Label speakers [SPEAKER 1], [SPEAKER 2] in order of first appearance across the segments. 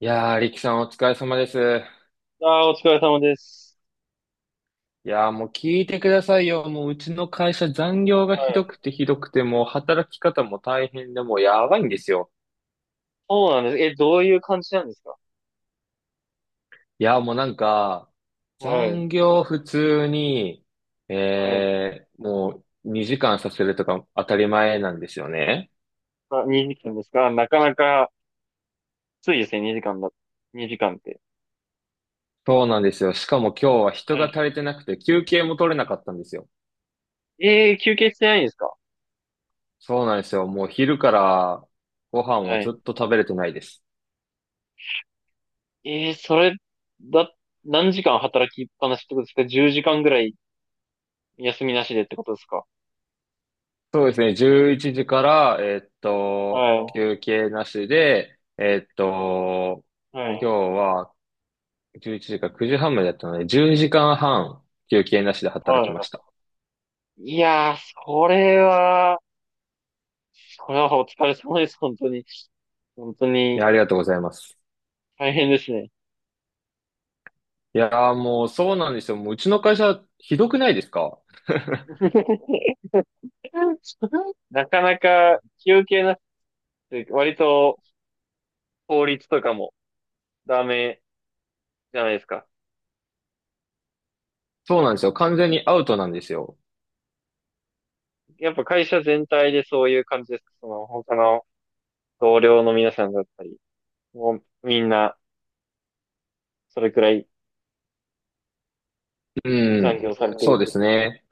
[SPEAKER 1] いやー、力さんお疲れ様です。
[SPEAKER 2] ああ、お疲れ様です。
[SPEAKER 1] いやー、もう聞いてくださいよ。もううちの会社残業が
[SPEAKER 2] は
[SPEAKER 1] ひど
[SPEAKER 2] い。
[SPEAKER 1] くてひどくて、もう働き方も大変で、もうやばいんですよ。
[SPEAKER 2] そうなんです。え、どういう感じなんですか？
[SPEAKER 1] いやー、もうなんか、
[SPEAKER 2] はい。
[SPEAKER 1] 残業普通に、
[SPEAKER 2] はい。
[SPEAKER 1] もう2時間させるとか当たり前なんですよね。
[SPEAKER 2] あ、2時間ですか？なかなか、きついですね、2時間だ。2時間って。
[SPEAKER 1] そうなんですよ。しかも今日は人が
[SPEAKER 2] は
[SPEAKER 1] 足りてなくて休憩も取れなかったんですよ。
[SPEAKER 2] い。休憩してないんですか？
[SPEAKER 1] そうなんですよ。もう昼からご飯を
[SPEAKER 2] は
[SPEAKER 1] ず
[SPEAKER 2] い。
[SPEAKER 1] っと食べれてないです。
[SPEAKER 2] それ、だ、何時間働きっぱなしってことですか ?10 時間ぐらい休みなしでってことですか？
[SPEAKER 1] そうですね。11時から、
[SPEAKER 2] はい。
[SPEAKER 1] 休憩なしで、
[SPEAKER 2] はい。
[SPEAKER 1] 今日は11時から9時半までだったので、10時間半休憩なしで働
[SPEAKER 2] は
[SPEAKER 1] きました。
[SPEAKER 2] い。いやー、それは、それはお疲れ様です、本当に。本当
[SPEAKER 1] いや、
[SPEAKER 2] に、
[SPEAKER 1] ありがとうございます。
[SPEAKER 2] 大変ですね。
[SPEAKER 1] いやー、もうそうなんですよ。もううちの会社、ひどくないですか？
[SPEAKER 2] なかなか休憩なしって、割と法律とかもダメじゃないですか。
[SPEAKER 1] そうなんですよ。完全にアウトなんですよ。
[SPEAKER 2] やっぱ会社全体でそういう感じですか？その他の同僚の皆さんだったり、もうみんなそれくらい
[SPEAKER 1] う
[SPEAKER 2] 残
[SPEAKER 1] ん。
[SPEAKER 2] 業されてる
[SPEAKER 1] そう
[SPEAKER 2] っ
[SPEAKER 1] で
[SPEAKER 2] て？
[SPEAKER 1] すね。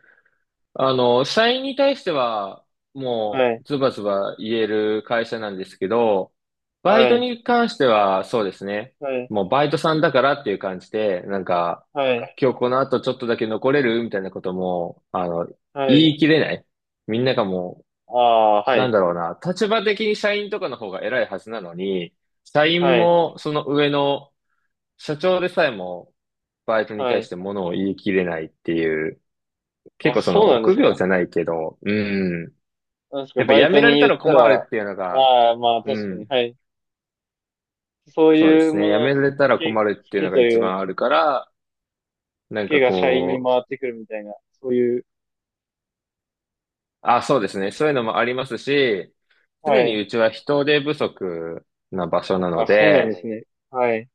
[SPEAKER 1] あの、社員に対しては、
[SPEAKER 2] は
[SPEAKER 1] もう、
[SPEAKER 2] い、
[SPEAKER 1] ズバズバ言える会社なんですけど、バイ
[SPEAKER 2] は
[SPEAKER 1] ト
[SPEAKER 2] い、
[SPEAKER 1] に関しては、そうですね。
[SPEAKER 2] はい、
[SPEAKER 1] もう、バイトさんだからっていう感じで、なんか、
[SPEAKER 2] はい、
[SPEAKER 1] 今日この後ちょっとだけ残れるみたいなことも、
[SPEAKER 2] は
[SPEAKER 1] 言
[SPEAKER 2] い。
[SPEAKER 1] い切れない。みんながも
[SPEAKER 2] ああ、は
[SPEAKER 1] う、な
[SPEAKER 2] い、
[SPEAKER 1] んだろうな、立場的に社員とかの方が偉いはずなのに、社
[SPEAKER 2] は
[SPEAKER 1] 員
[SPEAKER 2] い、
[SPEAKER 1] も、その上の、社長でさえも、バイトに
[SPEAKER 2] は
[SPEAKER 1] 対し
[SPEAKER 2] い。
[SPEAKER 1] てものを言い切れないっていう、結
[SPEAKER 2] あ、
[SPEAKER 1] 構そ
[SPEAKER 2] そ
[SPEAKER 1] の
[SPEAKER 2] うなんで
[SPEAKER 1] 臆
[SPEAKER 2] す
[SPEAKER 1] 病
[SPEAKER 2] か。
[SPEAKER 1] じゃないけど、うん。
[SPEAKER 2] なんですか、
[SPEAKER 1] やっぱ
[SPEAKER 2] バイ
[SPEAKER 1] や
[SPEAKER 2] ト
[SPEAKER 1] められ
[SPEAKER 2] に
[SPEAKER 1] た
[SPEAKER 2] 言っ
[SPEAKER 1] ら
[SPEAKER 2] た
[SPEAKER 1] 困
[SPEAKER 2] ら、
[SPEAKER 1] るっていうのが、
[SPEAKER 2] ああ、まあ
[SPEAKER 1] う
[SPEAKER 2] 確かに、
[SPEAKER 1] ん。
[SPEAKER 2] はい。そう
[SPEAKER 1] そうで
[SPEAKER 2] いう
[SPEAKER 1] す
[SPEAKER 2] も
[SPEAKER 1] ね。や
[SPEAKER 2] のを
[SPEAKER 1] めら
[SPEAKER 2] つ
[SPEAKER 1] れたら困
[SPEAKER 2] け、
[SPEAKER 1] るっ
[SPEAKER 2] つ
[SPEAKER 1] ていう
[SPEAKER 2] け
[SPEAKER 1] の
[SPEAKER 2] と
[SPEAKER 1] が一
[SPEAKER 2] いう
[SPEAKER 1] 番あるから、なん
[SPEAKER 2] け
[SPEAKER 1] か
[SPEAKER 2] が社員に
[SPEAKER 1] こう、
[SPEAKER 2] 回ってくるみたいな、そういう、
[SPEAKER 1] あ、そうですね。そういうのもありますし、
[SPEAKER 2] は
[SPEAKER 1] 常に
[SPEAKER 2] い。
[SPEAKER 1] うちは人手不足な場所なの
[SPEAKER 2] あ、そうなんで
[SPEAKER 1] で、
[SPEAKER 2] すね。はい。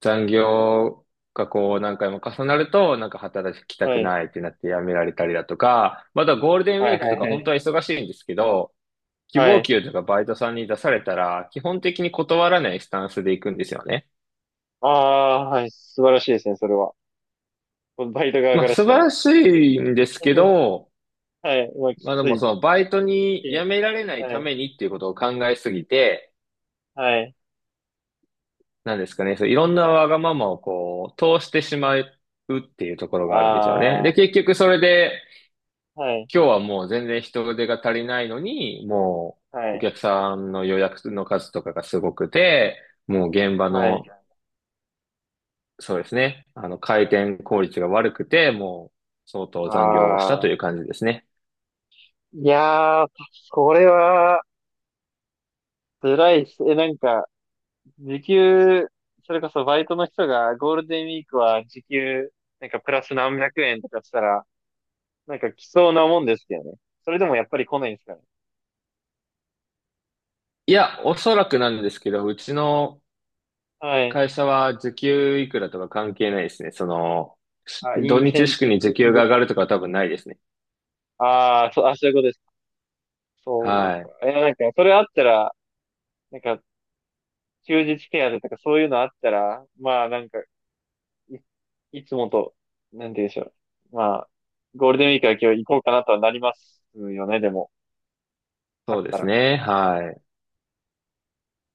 [SPEAKER 1] 残業がこう何回も重なると、なんか働きた
[SPEAKER 2] は
[SPEAKER 1] く
[SPEAKER 2] い。
[SPEAKER 1] ないってなって辞められたりだとか、またゴールデンウ
[SPEAKER 2] は
[SPEAKER 1] ィ
[SPEAKER 2] い、
[SPEAKER 1] ーク
[SPEAKER 2] はい、
[SPEAKER 1] とか
[SPEAKER 2] は
[SPEAKER 1] 本当
[SPEAKER 2] い。
[SPEAKER 1] は忙しいんですけど、希
[SPEAKER 2] は
[SPEAKER 1] 望
[SPEAKER 2] い。
[SPEAKER 1] 給とかバイトさんに出されたら、基本的に断らないスタンスで行くんですよね。
[SPEAKER 2] ああ、はい。素晴らしいですね、それは。バイト側
[SPEAKER 1] ま
[SPEAKER 2] か
[SPEAKER 1] あ、
[SPEAKER 2] らし
[SPEAKER 1] 素
[SPEAKER 2] た
[SPEAKER 1] 晴
[SPEAKER 2] ら。
[SPEAKER 1] らしいんですけ ど、
[SPEAKER 2] はい。まあ、き
[SPEAKER 1] まあで
[SPEAKER 2] つ
[SPEAKER 1] も
[SPEAKER 2] い。
[SPEAKER 1] そのバイトに辞められない
[SPEAKER 2] は
[SPEAKER 1] た
[SPEAKER 2] い。
[SPEAKER 1] めにっていうことを考えすぎて、
[SPEAKER 2] はい。
[SPEAKER 1] なんですかね、そういろんなわがままをこう、通してしまうっていうところがあるんですよね。
[SPEAKER 2] あ
[SPEAKER 1] で、結局それで、
[SPEAKER 2] あ、はい。
[SPEAKER 1] 今日はもう全然人手が足りないのに、も
[SPEAKER 2] は
[SPEAKER 1] うお
[SPEAKER 2] い。
[SPEAKER 1] 客さんの予約の数とかがすごくて、もう現場
[SPEAKER 2] はい。
[SPEAKER 1] のそうですね。回転効率が悪くて、もう、相当残業をした
[SPEAKER 2] あ
[SPEAKER 1] と
[SPEAKER 2] あ。
[SPEAKER 1] いう感じですね。
[SPEAKER 2] いやー、これは、辛いっす。え、なんか、時給、それこそバイトの人がゴールデンウィークは時給、なんかプラス何百円とかしたら、なんか来そうなもんですけどね。それでもやっぱり来ないんですかね。
[SPEAKER 1] いや、おそらくなんですけど、うちの
[SPEAKER 2] はい。
[SPEAKER 1] 会社は時給いくらとか関係ないですね。その、し
[SPEAKER 2] あ、イ
[SPEAKER 1] 土
[SPEAKER 2] ンセ
[SPEAKER 1] 日
[SPEAKER 2] ン
[SPEAKER 1] 祝
[SPEAKER 2] テ
[SPEAKER 1] に時
[SPEAKER 2] ィ
[SPEAKER 1] 給が
[SPEAKER 2] ブ、
[SPEAKER 1] 上がるとかは多分ないですね。
[SPEAKER 2] ああ、そう、あ、そういうことです。そ
[SPEAKER 1] は
[SPEAKER 2] うか。
[SPEAKER 1] い。
[SPEAKER 2] いや、なんか、それあったら、なんか、休日手当とかそういうのあったら、まあ、なんか、い、いつもと、なんて言うんでしょう。まあ、ゴールデンウィークは今日行こうかなとはなりますよね、でも、あっ
[SPEAKER 1] そうで
[SPEAKER 2] た
[SPEAKER 1] す
[SPEAKER 2] ら。
[SPEAKER 1] ね。は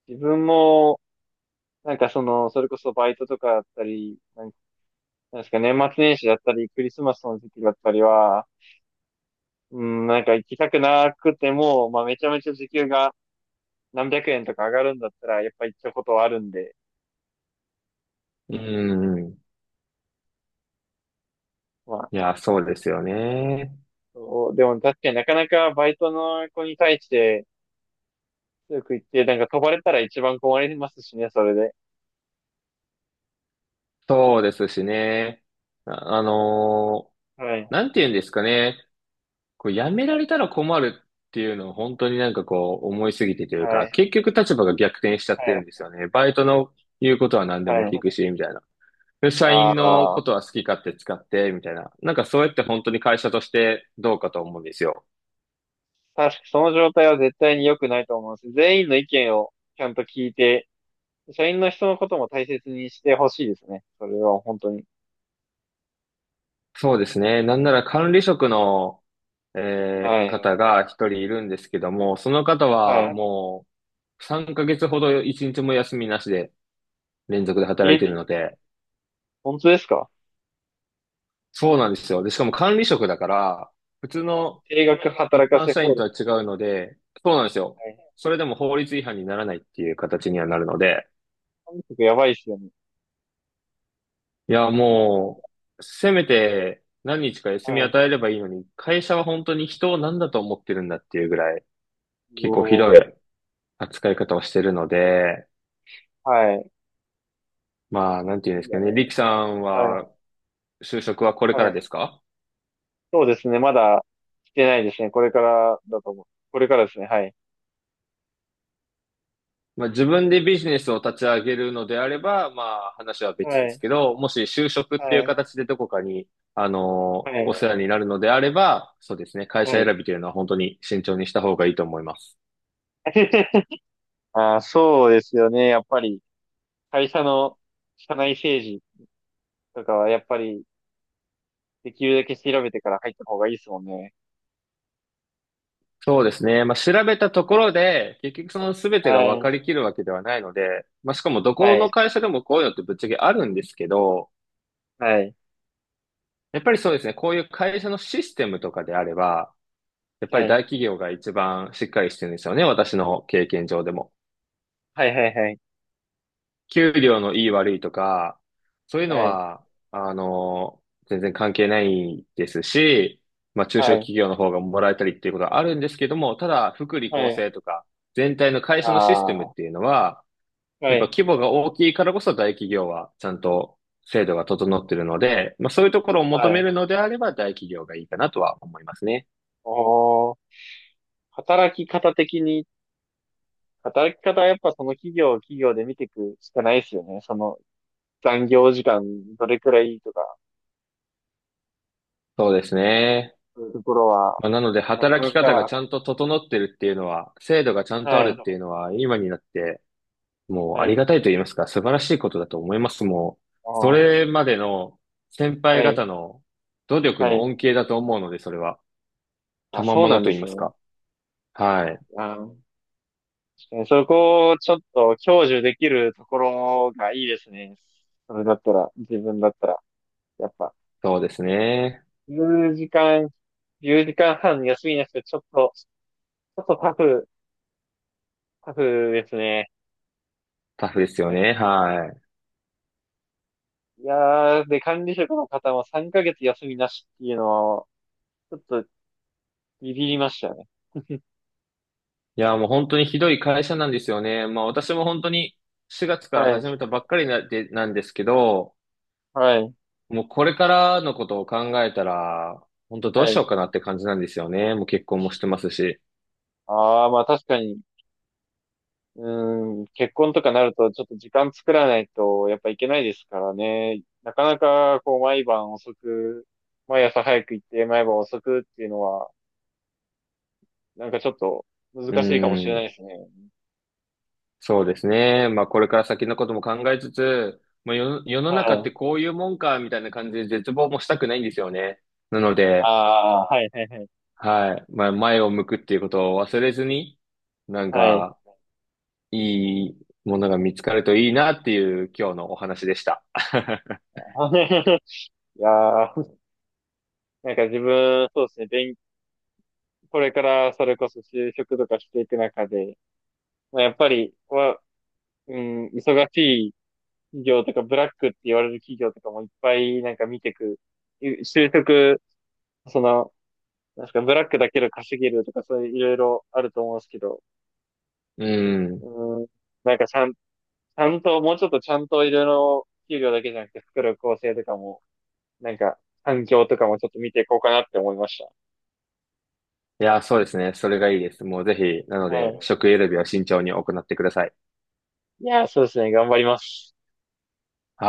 [SPEAKER 2] 自分も、なんかその、それこそバイトとかだったり、なんなんですか、年末年始だったり、クリスマスの時期だったりは、うん、なんか行きたくなくても、まあめちゃめちゃ時給が何百円とか上がるんだったら、やっぱ行ったことはあるんで、
[SPEAKER 1] い。うん。
[SPEAKER 2] まあ、
[SPEAKER 1] いや、そうですよね。
[SPEAKER 2] そうでも確かになかなかバイトの子に対して、強く言って、なんか飛ばれたら一番困りますしね、それで。
[SPEAKER 1] そうですしね。あ、あのー
[SPEAKER 2] はい、
[SPEAKER 1] なんて言うんですかね。こうやめられたら困るっていうのを本当になんかこう思いすぎてという
[SPEAKER 2] は
[SPEAKER 1] か、
[SPEAKER 2] い、
[SPEAKER 1] 結局立場が逆転しちゃってるんで
[SPEAKER 2] は
[SPEAKER 1] すよね。バイトの言うことは何
[SPEAKER 2] い、
[SPEAKER 1] でも
[SPEAKER 2] は
[SPEAKER 1] 聞くし、
[SPEAKER 2] い。
[SPEAKER 1] みたいな。で社
[SPEAKER 2] あ
[SPEAKER 1] 員の
[SPEAKER 2] あ、
[SPEAKER 1] ことは好き勝手使って、みたいな。なんかそうやって本当に会社としてどうかと思うんですよ。
[SPEAKER 2] 確かその状態は絶対に良くないと思うんです。全員の意見をちゃんと聞いて、社員の人のことも大切にしてほしいですね。それは本当に。
[SPEAKER 1] そうですね。なんなら管理職の、
[SPEAKER 2] はい。
[SPEAKER 1] 方が一人いるんですけども、その方は
[SPEAKER 2] は
[SPEAKER 1] もう3ヶ月ほど一日も休みなしで連続で
[SPEAKER 2] い。
[SPEAKER 1] 働いているの
[SPEAKER 2] え、
[SPEAKER 1] で、
[SPEAKER 2] 本当ですか？
[SPEAKER 1] そうなんですよ。で、しかも管理職だから、普通の
[SPEAKER 2] 定額働
[SPEAKER 1] 一
[SPEAKER 2] か
[SPEAKER 1] 般
[SPEAKER 2] せ
[SPEAKER 1] 社
[SPEAKER 2] 放
[SPEAKER 1] 員と
[SPEAKER 2] 題。
[SPEAKER 1] は違うので、そうなんですよ。
[SPEAKER 2] はい。
[SPEAKER 1] それでも法律違反にならないっていう形にはなるので、
[SPEAKER 2] 韓国やばいっすよね。
[SPEAKER 1] いや、もう、せめて何日か休
[SPEAKER 2] は
[SPEAKER 1] み
[SPEAKER 2] い。
[SPEAKER 1] 与えればいいのに、会社は本当に人を何だと思ってるんだっていうぐらい、
[SPEAKER 2] う
[SPEAKER 1] 結構ひど
[SPEAKER 2] お
[SPEAKER 1] い扱い方をしてるので、
[SPEAKER 2] ーはい。
[SPEAKER 1] まあ、なんてい
[SPEAKER 2] い
[SPEAKER 1] うんです
[SPEAKER 2] や
[SPEAKER 1] かね。リキさん
[SPEAKER 2] ー、は
[SPEAKER 1] は、就職はこれ
[SPEAKER 2] い。
[SPEAKER 1] か
[SPEAKER 2] は
[SPEAKER 1] らで
[SPEAKER 2] い。
[SPEAKER 1] すか？
[SPEAKER 2] そうですね。まだ来てないですね。これからだと思う。これからですね。はい。
[SPEAKER 1] まあ、自分でビジネスを立ち上げるのであれば、まあ話は
[SPEAKER 2] は
[SPEAKER 1] 別で
[SPEAKER 2] い。
[SPEAKER 1] すけど、もし就職っ
[SPEAKER 2] は
[SPEAKER 1] ていう
[SPEAKER 2] い。
[SPEAKER 1] 形でどこかに、
[SPEAKER 2] は
[SPEAKER 1] お
[SPEAKER 2] い。
[SPEAKER 1] 世話になるのであれば、そうですね、会
[SPEAKER 2] は
[SPEAKER 1] 社
[SPEAKER 2] い。
[SPEAKER 1] 選びというのは本当に慎重にした方がいいと思います。
[SPEAKER 2] あー、そうですよね。やっぱり、会社の社内政治とかは、やっぱり、できるだけ調べてから入った方がいいですもんね。
[SPEAKER 1] そうですね。まあ、調べたところで、結局その全てが
[SPEAKER 2] は
[SPEAKER 1] 分
[SPEAKER 2] い。
[SPEAKER 1] かりきるわけではないので、まあ、しかもど
[SPEAKER 2] は
[SPEAKER 1] この
[SPEAKER 2] い。
[SPEAKER 1] 会社でもこういうのってぶっちゃけあるんですけど、
[SPEAKER 2] はい。
[SPEAKER 1] やっぱりそうですね、こういう会社のシステムとかであれば、やっぱ
[SPEAKER 2] は
[SPEAKER 1] り
[SPEAKER 2] い。
[SPEAKER 1] 大企業が一番しっかりしてるんですよね、私の経験上でも。
[SPEAKER 2] はい。はい。はい。
[SPEAKER 1] 給料のいい悪いとか、そういうの
[SPEAKER 2] はい。
[SPEAKER 1] は、全然関係ないですし、まあ中
[SPEAKER 2] は
[SPEAKER 1] 小
[SPEAKER 2] い。
[SPEAKER 1] 企業の方がもらえたりっていうことはあるんですけども、ただ福利
[SPEAKER 2] は
[SPEAKER 1] 厚
[SPEAKER 2] い。
[SPEAKER 1] 生とか、全体の会
[SPEAKER 2] あ
[SPEAKER 1] 社のシステムっ
[SPEAKER 2] あ。は
[SPEAKER 1] ていうのは、やっぱ
[SPEAKER 2] い。
[SPEAKER 1] 規模が大きいからこそ大企業はちゃんと制度が整ってるので、まあそういうところを
[SPEAKER 2] は
[SPEAKER 1] 求め
[SPEAKER 2] い。
[SPEAKER 1] るのであれば大企業がいいかなとは思いますね。
[SPEAKER 2] おー、働き方的に、働き方はやっぱその企業を企業で見ていくしかないですよね。その残業時間どれくらいとか、
[SPEAKER 1] そうですね。
[SPEAKER 2] そういうところは、
[SPEAKER 1] まあ、なので
[SPEAKER 2] なか
[SPEAKER 1] 働
[SPEAKER 2] な
[SPEAKER 1] き方が
[SPEAKER 2] か、
[SPEAKER 1] ちゃんと整ってるっていうのは、制度がちゃんとあ
[SPEAKER 2] は
[SPEAKER 1] る
[SPEAKER 2] い、
[SPEAKER 1] っていうのは、今になってもうあ
[SPEAKER 2] は
[SPEAKER 1] り
[SPEAKER 2] い、
[SPEAKER 1] がたいと言いますか、素晴らしいことだと思います。もう、
[SPEAKER 2] お
[SPEAKER 1] そ
[SPEAKER 2] ー、
[SPEAKER 1] れまでの先輩
[SPEAKER 2] はい、
[SPEAKER 1] 方の努力
[SPEAKER 2] は
[SPEAKER 1] の
[SPEAKER 2] い。
[SPEAKER 1] 恩恵だと思うので、それは。
[SPEAKER 2] あ、
[SPEAKER 1] 賜
[SPEAKER 2] そうな
[SPEAKER 1] 物
[SPEAKER 2] ん
[SPEAKER 1] と
[SPEAKER 2] で
[SPEAKER 1] 言い
[SPEAKER 2] す
[SPEAKER 1] ま
[SPEAKER 2] よ
[SPEAKER 1] す
[SPEAKER 2] ね。
[SPEAKER 1] か。はい。
[SPEAKER 2] あー、確かにそこをちょっと享受できるところがいいですね。それだったら、自分だったら、やっぱ、
[SPEAKER 1] そうですね。
[SPEAKER 2] 10時間、1時間半休みなしでちょっとタフですね。
[SPEAKER 1] タフですよね。はい。
[SPEAKER 2] いやー、で、管理職の方も3ヶ月休みなしっていうのは、ちょっとビビりましたね。
[SPEAKER 1] いや、もう本当にひどい会社なんですよね。まあ私も本当に4月から
[SPEAKER 2] はい、
[SPEAKER 1] 始めたばっかりなで、なんですけど、
[SPEAKER 2] はい、
[SPEAKER 1] もうこれからのことを考えたら、本当どう
[SPEAKER 2] は
[SPEAKER 1] し
[SPEAKER 2] い。
[SPEAKER 1] ようかなって感じなんですよね。もう結婚もしてますし。
[SPEAKER 2] ああ、まあ確かに、うーん、結婚とかなるとちょっと時間作らないとやっぱいけないですからね。なかなかこう毎晩遅く、毎朝早く行って毎晩遅くっていうのは、なんかちょっと
[SPEAKER 1] う
[SPEAKER 2] 難しいかもしれな
[SPEAKER 1] ん。
[SPEAKER 2] いですね。
[SPEAKER 1] そうですね。まあ、これから先のことも考えつつ、まあ、世の
[SPEAKER 2] は
[SPEAKER 1] 中って
[SPEAKER 2] い。
[SPEAKER 1] こういうもんか、みたいな感じで絶望もしたくないんですよね。なので、
[SPEAKER 2] ああ、はい、はい、はい。
[SPEAKER 1] はい。まあ、前を向くっていうことを忘れずに、なん
[SPEAKER 2] はい。
[SPEAKER 1] か、いいものが見つかるといいなっていう今日のお話でした。
[SPEAKER 2] いやー、なんか自分、そうですね、これからそれこそ就職とかしていく中で、まあ、やっぱり、うん、忙しい企業とか、ブラックって言われる企業とかもいっぱいなんか見てく。就職、その、なんすか、ブラックだけで稼げるとか、そういういろいろあると思うんですけど、
[SPEAKER 1] うん。
[SPEAKER 2] うん、なんかちゃんと、もうちょっとちゃんといろいろ給料だけじゃなくて、作る構成とかも、なんか、環境とかもちょっと見ていこうかなって思いまし
[SPEAKER 1] いや、そうですね。それがいいです。もうぜひ、なの
[SPEAKER 2] た。は
[SPEAKER 1] で、
[SPEAKER 2] い。
[SPEAKER 1] 職選びは慎重に行ってください。
[SPEAKER 2] いやー、そうですね、頑張ります。
[SPEAKER 1] はい。